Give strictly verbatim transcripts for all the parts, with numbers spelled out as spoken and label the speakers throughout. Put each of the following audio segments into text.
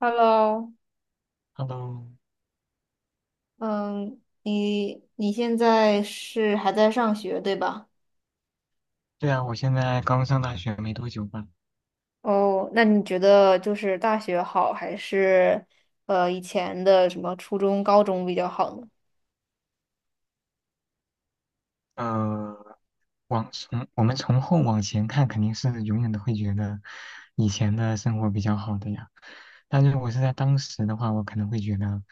Speaker 1: Hello，
Speaker 2: Hello，
Speaker 1: 嗯，你你现在是还在上学，对吧？
Speaker 2: 对啊，我现在刚上大学没多久吧。
Speaker 1: 哦，那你觉得就是大学好，还是呃以前的什么初中、高中比较好呢？
Speaker 2: 呃，往从我们从后往前看，肯定是永远都会觉得以前的生活比较好的呀。但是，我是在当时的话，我可能会觉得，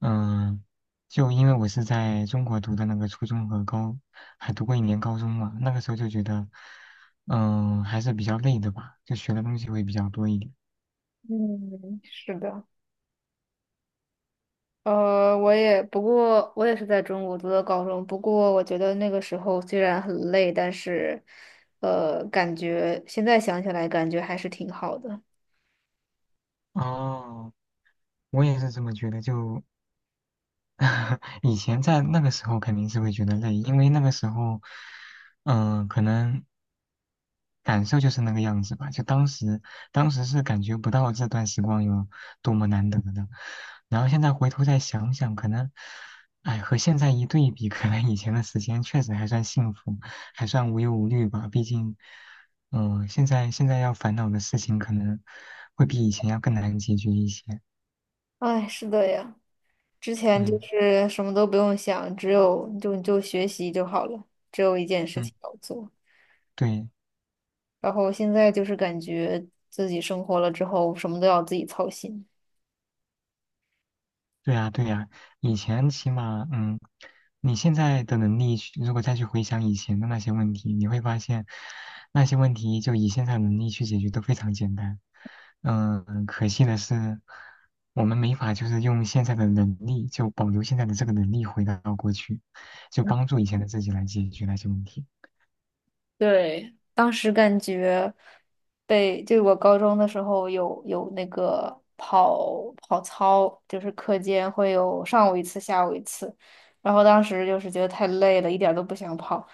Speaker 2: 嗯、就因为我是在中国读的那个初中和高，还读过一年高中嘛，那个时候就觉得，嗯、还是比较累的吧，就学的东西会比较多一点。
Speaker 1: 嗯，是的，呃，我也不过我也是在中国读的高中，不过我觉得那个时候虽然很累，但是呃，感觉现在想起来感觉还是挺好的。
Speaker 2: 哦，我也是这么觉得，就 以前在那个时候肯定是会觉得累，因为那个时候，嗯、可能感受就是那个样子吧。就当时，当时是感觉不到这段时光有多么难得的。然后现在回头再想想，可能，哎，和现在一对比，可能以前的时间确实还算幸福，还算无忧无虑吧。毕竟，嗯、现在现在要烦恼的事情可能会比以前要更难解决一些。
Speaker 1: 哎，是的呀。之前就
Speaker 2: 嗯
Speaker 1: 是什么都不用想，只有就就学习就好了，只有一件事
Speaker 2: 嗯，
Speaker 1: 情要做。
Speaker 2: 对。
Speaker 1: 然后现在就是感觉自己生活了之后，什么都要自己操心。
Speaker 2: 对呀，对呀，以前起码，嗯，你现在的能力去如果再去回想以前的那些问题，你会发现，那些问题就以现在的能力去解决都非常简单。嗯，可惜的是，我们没法就是用现在的能力，就保留现在的这个能力回到过去，就帮助以前的自己来解决那些问题。
Speaker 1: 对，当时感觉被，就我高中的时候有有那个跑跑操，就是课间会有上午一次，下午一次，然后当时就是觉得太累了，一点儿都不想跑，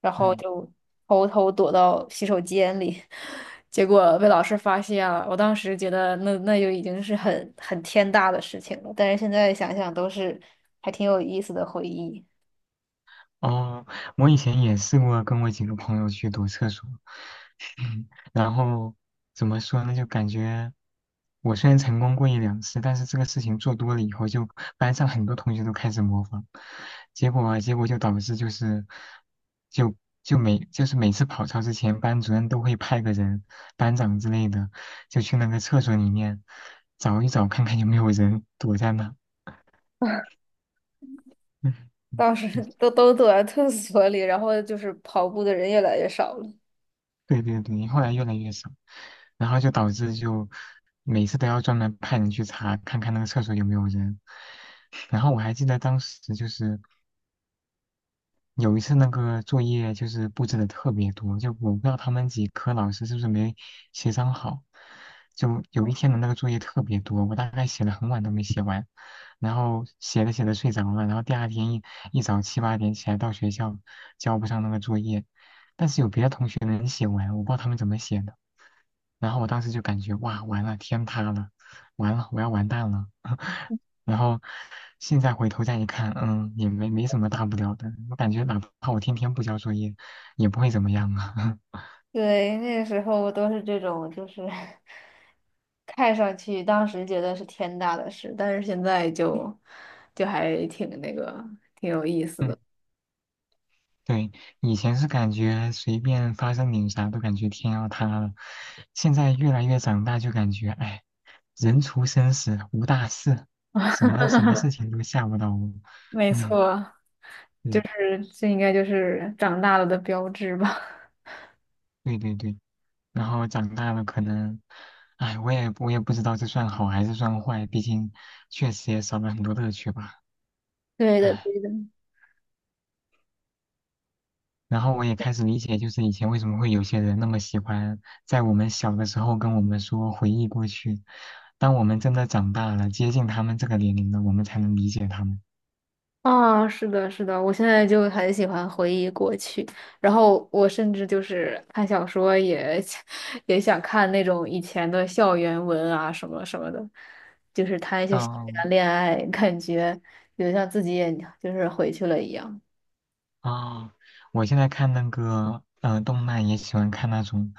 Speaker 1: 然后
Speaker 2: 嗯
Speaker 1: 就偷偷躲到洗手间里，结果被老师发现了。我当时觉得那那就已经是很很天大的事情了，但是现在想想都是还挺有意思的回忆。
Speaker 2: 哦，我以前也试过跟我几个朋友去躲厕所，然后怎么说呢？就感觉我虽然成功过一两次，但是这个事情做多了以后，就班上很多同学都开始模仿，结果啊结果就导致就是就就每就是每次跑操之前，班主任都会派个人，班长之类的，就去那个厕所里面找一找，看看有没有人躲在那。
Speaker 1: 当时 都都躲在厕所里，然后就是跑步的人越来越少了。
Speaker 2: 对对对，后来越来越少，然后就导致就每次都要专门派人去查，看看那个厕所有没有人。然后我还记得当时就是，有一次那个作业就是布置的特别多，就我不知道他们几科老师是不是没协商好，就有一天的那个作业特别多，我大概写了很晚都没写完，然后写着写着睡着了，然后第二天一一早七八点起来到学校交不上那个作业，但是有别的同学能写完，我不知道他们怎么写的，然后我当时就感觉哇完了天塌了，完了我要完蛋了，然后现在回头再一看，嗯，也没没什么大不了的。我感觉哪怕我天天不交作业，也不会怎么样啊。
Speaker 1: 对，那个时候都是这种，就是 看上去当时觉得是天大的事，但是现在就就还挺那个，挺有意思
Speaker 2: 嗯，
Speaker 1: 的。
Speaker 2: 对，以前是感觉随便发生点啥都感觉天要塌了，现在越来越长大就感觉，哎，人除生死无大事，什么什么事情都吓不到我。
Speaker 1: 没
Speaker 2: 嗯，
Speaker 1: 错，就
Speaker 2: 对
Speaker 1: 是这应该就是长大了的标志吧。
Speaker 2: 对对对。然后长大了可能，哎，我也我也不知道这算好还是算坏，毕竟确实也少了很多乐趣吧。
Speaker 1: 对的，
Speaker 2: 唉。
Speaker 1: 对的。
Speaker 2: 然后我也开始理解，就是以前为什么会有些人那么喜欢在我们小的时候跟我们说回忆过去，当我们真的长大了，接近他们这个年龄了，我们才能理解他们。
Speaker 1: 啊，是的，是的，我现在就很喜欢回忆过去，然后我甚至就是看小说也 也想看那种以前的校园文啊，什么什么的，就是谈一些校
Speaker 2: 嗯、
Speaker 1: 园恋爱，感觉有像自己也就是回去了一样。
Speaker 2: 啊，我现在看那个呃动漫，也喜欢看那种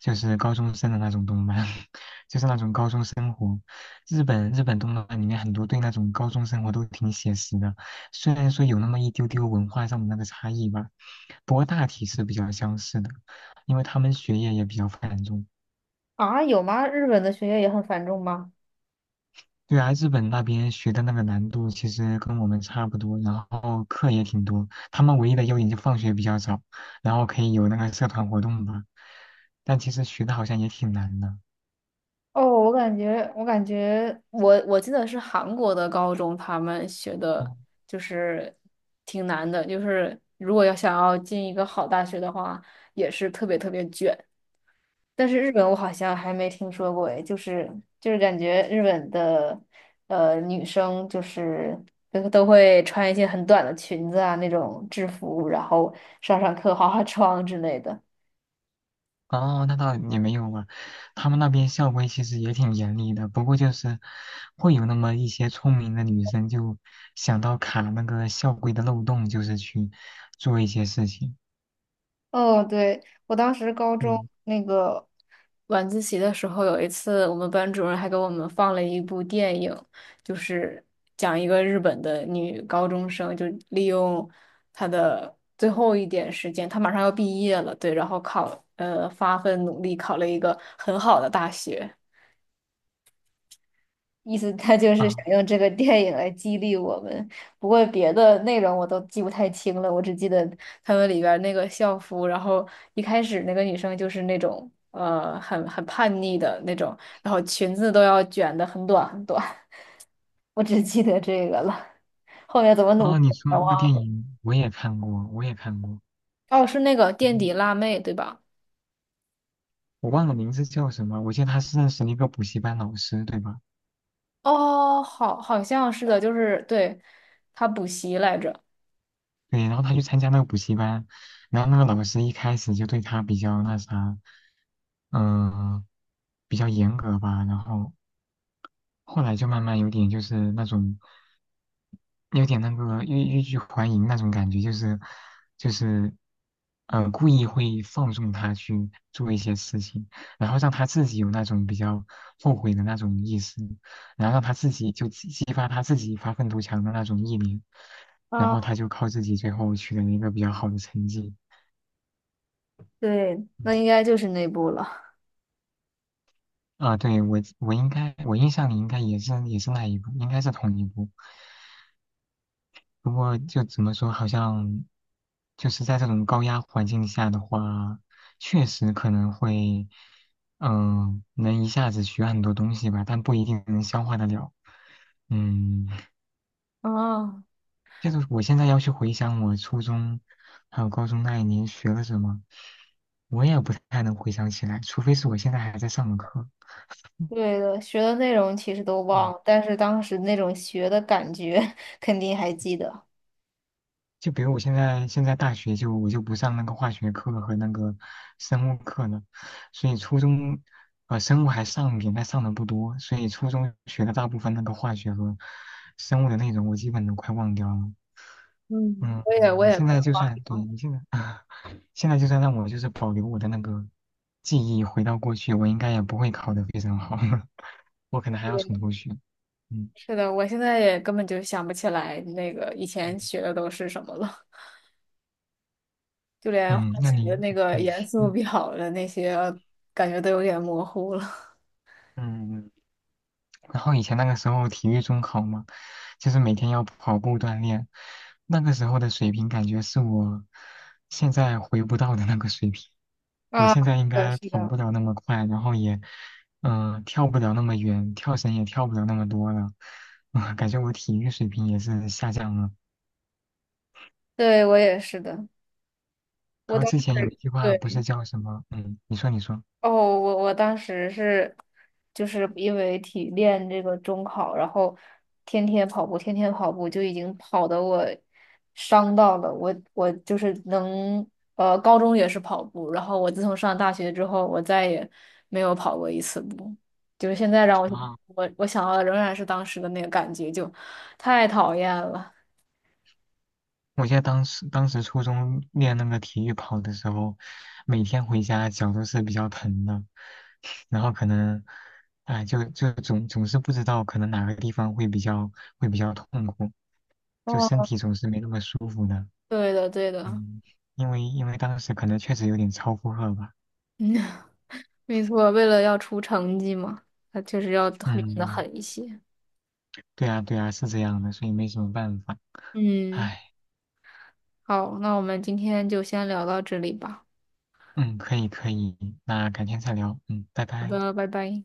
Speaker 2: 就是高中生的那种动漫，就是那种高中生活。日本日本动漫里面很多对那种高中生活都挺写实的，虽然说有那么一丢丢文化上的那个差异吧，不过大体是比较相似的，因为他们学业也比较繁重。
Speaker 1: 啊，有吗？日本的学业也很繁重吗？
Speaker 2: 对啊，日本那边学的那个难度其实跟我们差不多，然后课也挺多。他们唯一的优点就放学比较早，然后可以有那个社团活动吧。但其实学的好像也挺难的。
Speaker 1: 哦，我感觉，我感觉我，我记得是韩国的高中，他们学
Speaker 2: 哦，
Speaker 1: 的就是挺难的，就是如果要想要进一个好大学的话，也是特别特别卷。但是日本我好像还没听说过，诶，就是就是感觉日本的呃女生就是都都会穿一些很短的裙子啊那种制服，然后上上课化化妆之类的。
Speaker 2: 哦，那倒也没有吧。他们那边校规其实也挺严厉的，不过就是会有那么一些聪明的女生就想到卡那个校规的漏洞，就是去做一些事情。
Speaker 1: 哦，对，我当时高中
Speaker 2: 对
Speaker 1: 那个晚自习的时候，有一次我们班主任还给我们放了一部电影，就是讲一个日本的女高中生，就利用她的最后一点时间，她马上要毕业了，对，然后考，呃，发奋努力考了一个很好的大学。意思他就是
Speaker 2: 啊，
Speaker 1: 想用这个电影来激励我们。不过别的内容我都记不太清了，我只记得他们里边儿那个校服，然后一开始那个女生就是那种呃很很叛逆的那种，然后裙子都要卷的很短很短。我只记得这个了，后面怎么努
Speaker 2: 哦，
Speaker 1: 力
Speaker 2: 你
Speaker 1: 我
Speaker 2: 说
Speaker 1: 全
Speaker 2: 那个电
Speaker 1: 忘了。
Speaker 2: 影我也看过，我也看过。
Speaker 1: 哦，是那个垫
Speaker 2: 嗯，
Speaker 1: 底辣妹对吧？
Speaker 2: 我忘了名字叫什么，我记得他是认识了一个补习班老师，对吧？
Speaker 1: 哦，好，好像是的，就是对，她补习来着。
Speaker 2: 对，然后他去参加那个补习班，然后那个老师一开始就对他比较那啥，嗯、比较严格吧，然后后来就慢慢有点就是那种，有点那个欲欲拒还迎那种感觉，就是就是，呃，故意会放纵他去做一些事情，然后让他自己有那种比较后悔的那种意识，然后让他自己就激激发他自己发愤图强的那种意念，然
Speaker 1: 啊，
Speaker 2: 后他就靠自己最后取得了一个比较好的成绩。
Speaker 1: 对，
Speaker 2: 嗯
Speaker 1: 那应该就是那部了。
Speaker 2: 啊，对，我我应该我印象里应该也是也是那一部，应该是同一部。不过就怎么说，好像就是在这种高压环境下的话，确实可能会，嗯、能一下子学很多东西吧，但不一定能消化得了。嗯，
Speaker 1: 啊。
Speaker 2: 就是我现在要去回想我初中还有高中那一年学了什么，我也不太能回想起来，除非是我现在还在上的课。
Speaker 1: 对的，学的内容其实都忘了，
Speaker 2: 嗯，
Speaker 1: 但是当时那种学的感觉 肯定还记得。
Speaker 2: 就比如我现在现在大学就我就不上那个化学课和那个生物课了，所以初中呃生物还上一点，但上的不多，所以初中学的大部分那个化学和生物的内容我基本都快忘掉了。
Speaker 1: 嗯，
Speaker 2: 嗯，
Speaker 1: 我也我
Speaker 2: 你
Speaker 1: 也
Speaker 2: 现
Speaker 1: 快
Speaker 2: 在就
Speaker 1: 忘
Speaker 2: 算
Speaker 1: 掉
Speaker 2: 对
Speaker 1: 了。
Speaker 2: 你现在 现在就算让我就是保留我的那个记忆回到过去，我应该也不会考得非常好，我可能还要从
Speaker 1: 对，
Speaker 2: 头学。嗯
Speaker 1: 是的，我现在也根本就想不起来那个以
Speaker 2: 嗯
Speaker 1: 前学的都是什么了，就连化
Speaker 2: 嗯，那
Speaker 1: 学
Speaker 2: 你
Speaker 1: 那个
Speaker 2: 对
Speaker 1: 元素
Speaker 2: 嗯
Speaker 1: 表的那些，感觉都有点模糊了。
Speaker 2: 嗯嗯。然后以前那个时候体育中考嘛，就是每天要跑步锻炼，那个时候的水平感觉是我现在回不到的那个水平。我
Speaker 1: 啊，是
Speaker 2: 现在应
Speaker 1: 的，
Speaker 2: 该
Speaker 1: 是
Speaker 2: 跑
Speaker 1: 的，
Speaker 2: 不了那么快，然后也，嗯、跳不了那么远，跳绳也跳不了那么多了，啊，感觉我体育水平也是下降了。
Speaker 1: 对，我也是的，
Speaker 2: 然
Speaker 1: 我
Speaker 2: 后
Speaker 1: 当时。
Speaker 2: 之前有一句话不
Speaker 1: 对。
Speaker 2: 是叫什么，嗯，你说你说。
Speaker 1: 哦，我我当时是，就是因为体练这个中考，然后天天跑步，天天跑步，就已经跑得我伤到了我，我就是能，呃，高中也是跑步，然后我自从上大学之后，我再也没有跑过一次步，就是现在让我去
Speaker 2: 啊。
Speaker 1: 我我想到的仍然是当时的那个感觉，就太讨厌了。
Speaker 2: 我记得当时当时初中练那个体育跑的时候，每天回家脚都是比较疼的，然后可能，哎，就就总总是不知道可能哪个地方会比较会比较痛苦，就身
Speaker 1: 哦，
Speaker 2: 体总是没那么舒服的。
Speaker 1: 对的，对的，
Speaker 2: 嗯，因为因为当时可能确实有点超负荷吧。
Speaker 1: 嗯，没错，为了要出成绩嘛，他确实要狠的得
Speaker 2: 嗯，
Speaker 1: 狠一些。
Speaker 2: 对啊对啊，是这样的，所以没什么办法。
Speaker 1: 嗯，
Speaker 2: 唉，
Speaker 1: 好，那我们今天就先聊到这里吧。
Speaker 2: 嗯，可以可以，那改天再聊。嗯，拜
Speaker 1: 好
Speaker 2: 拜。
Speaker 1: 的，拜拜。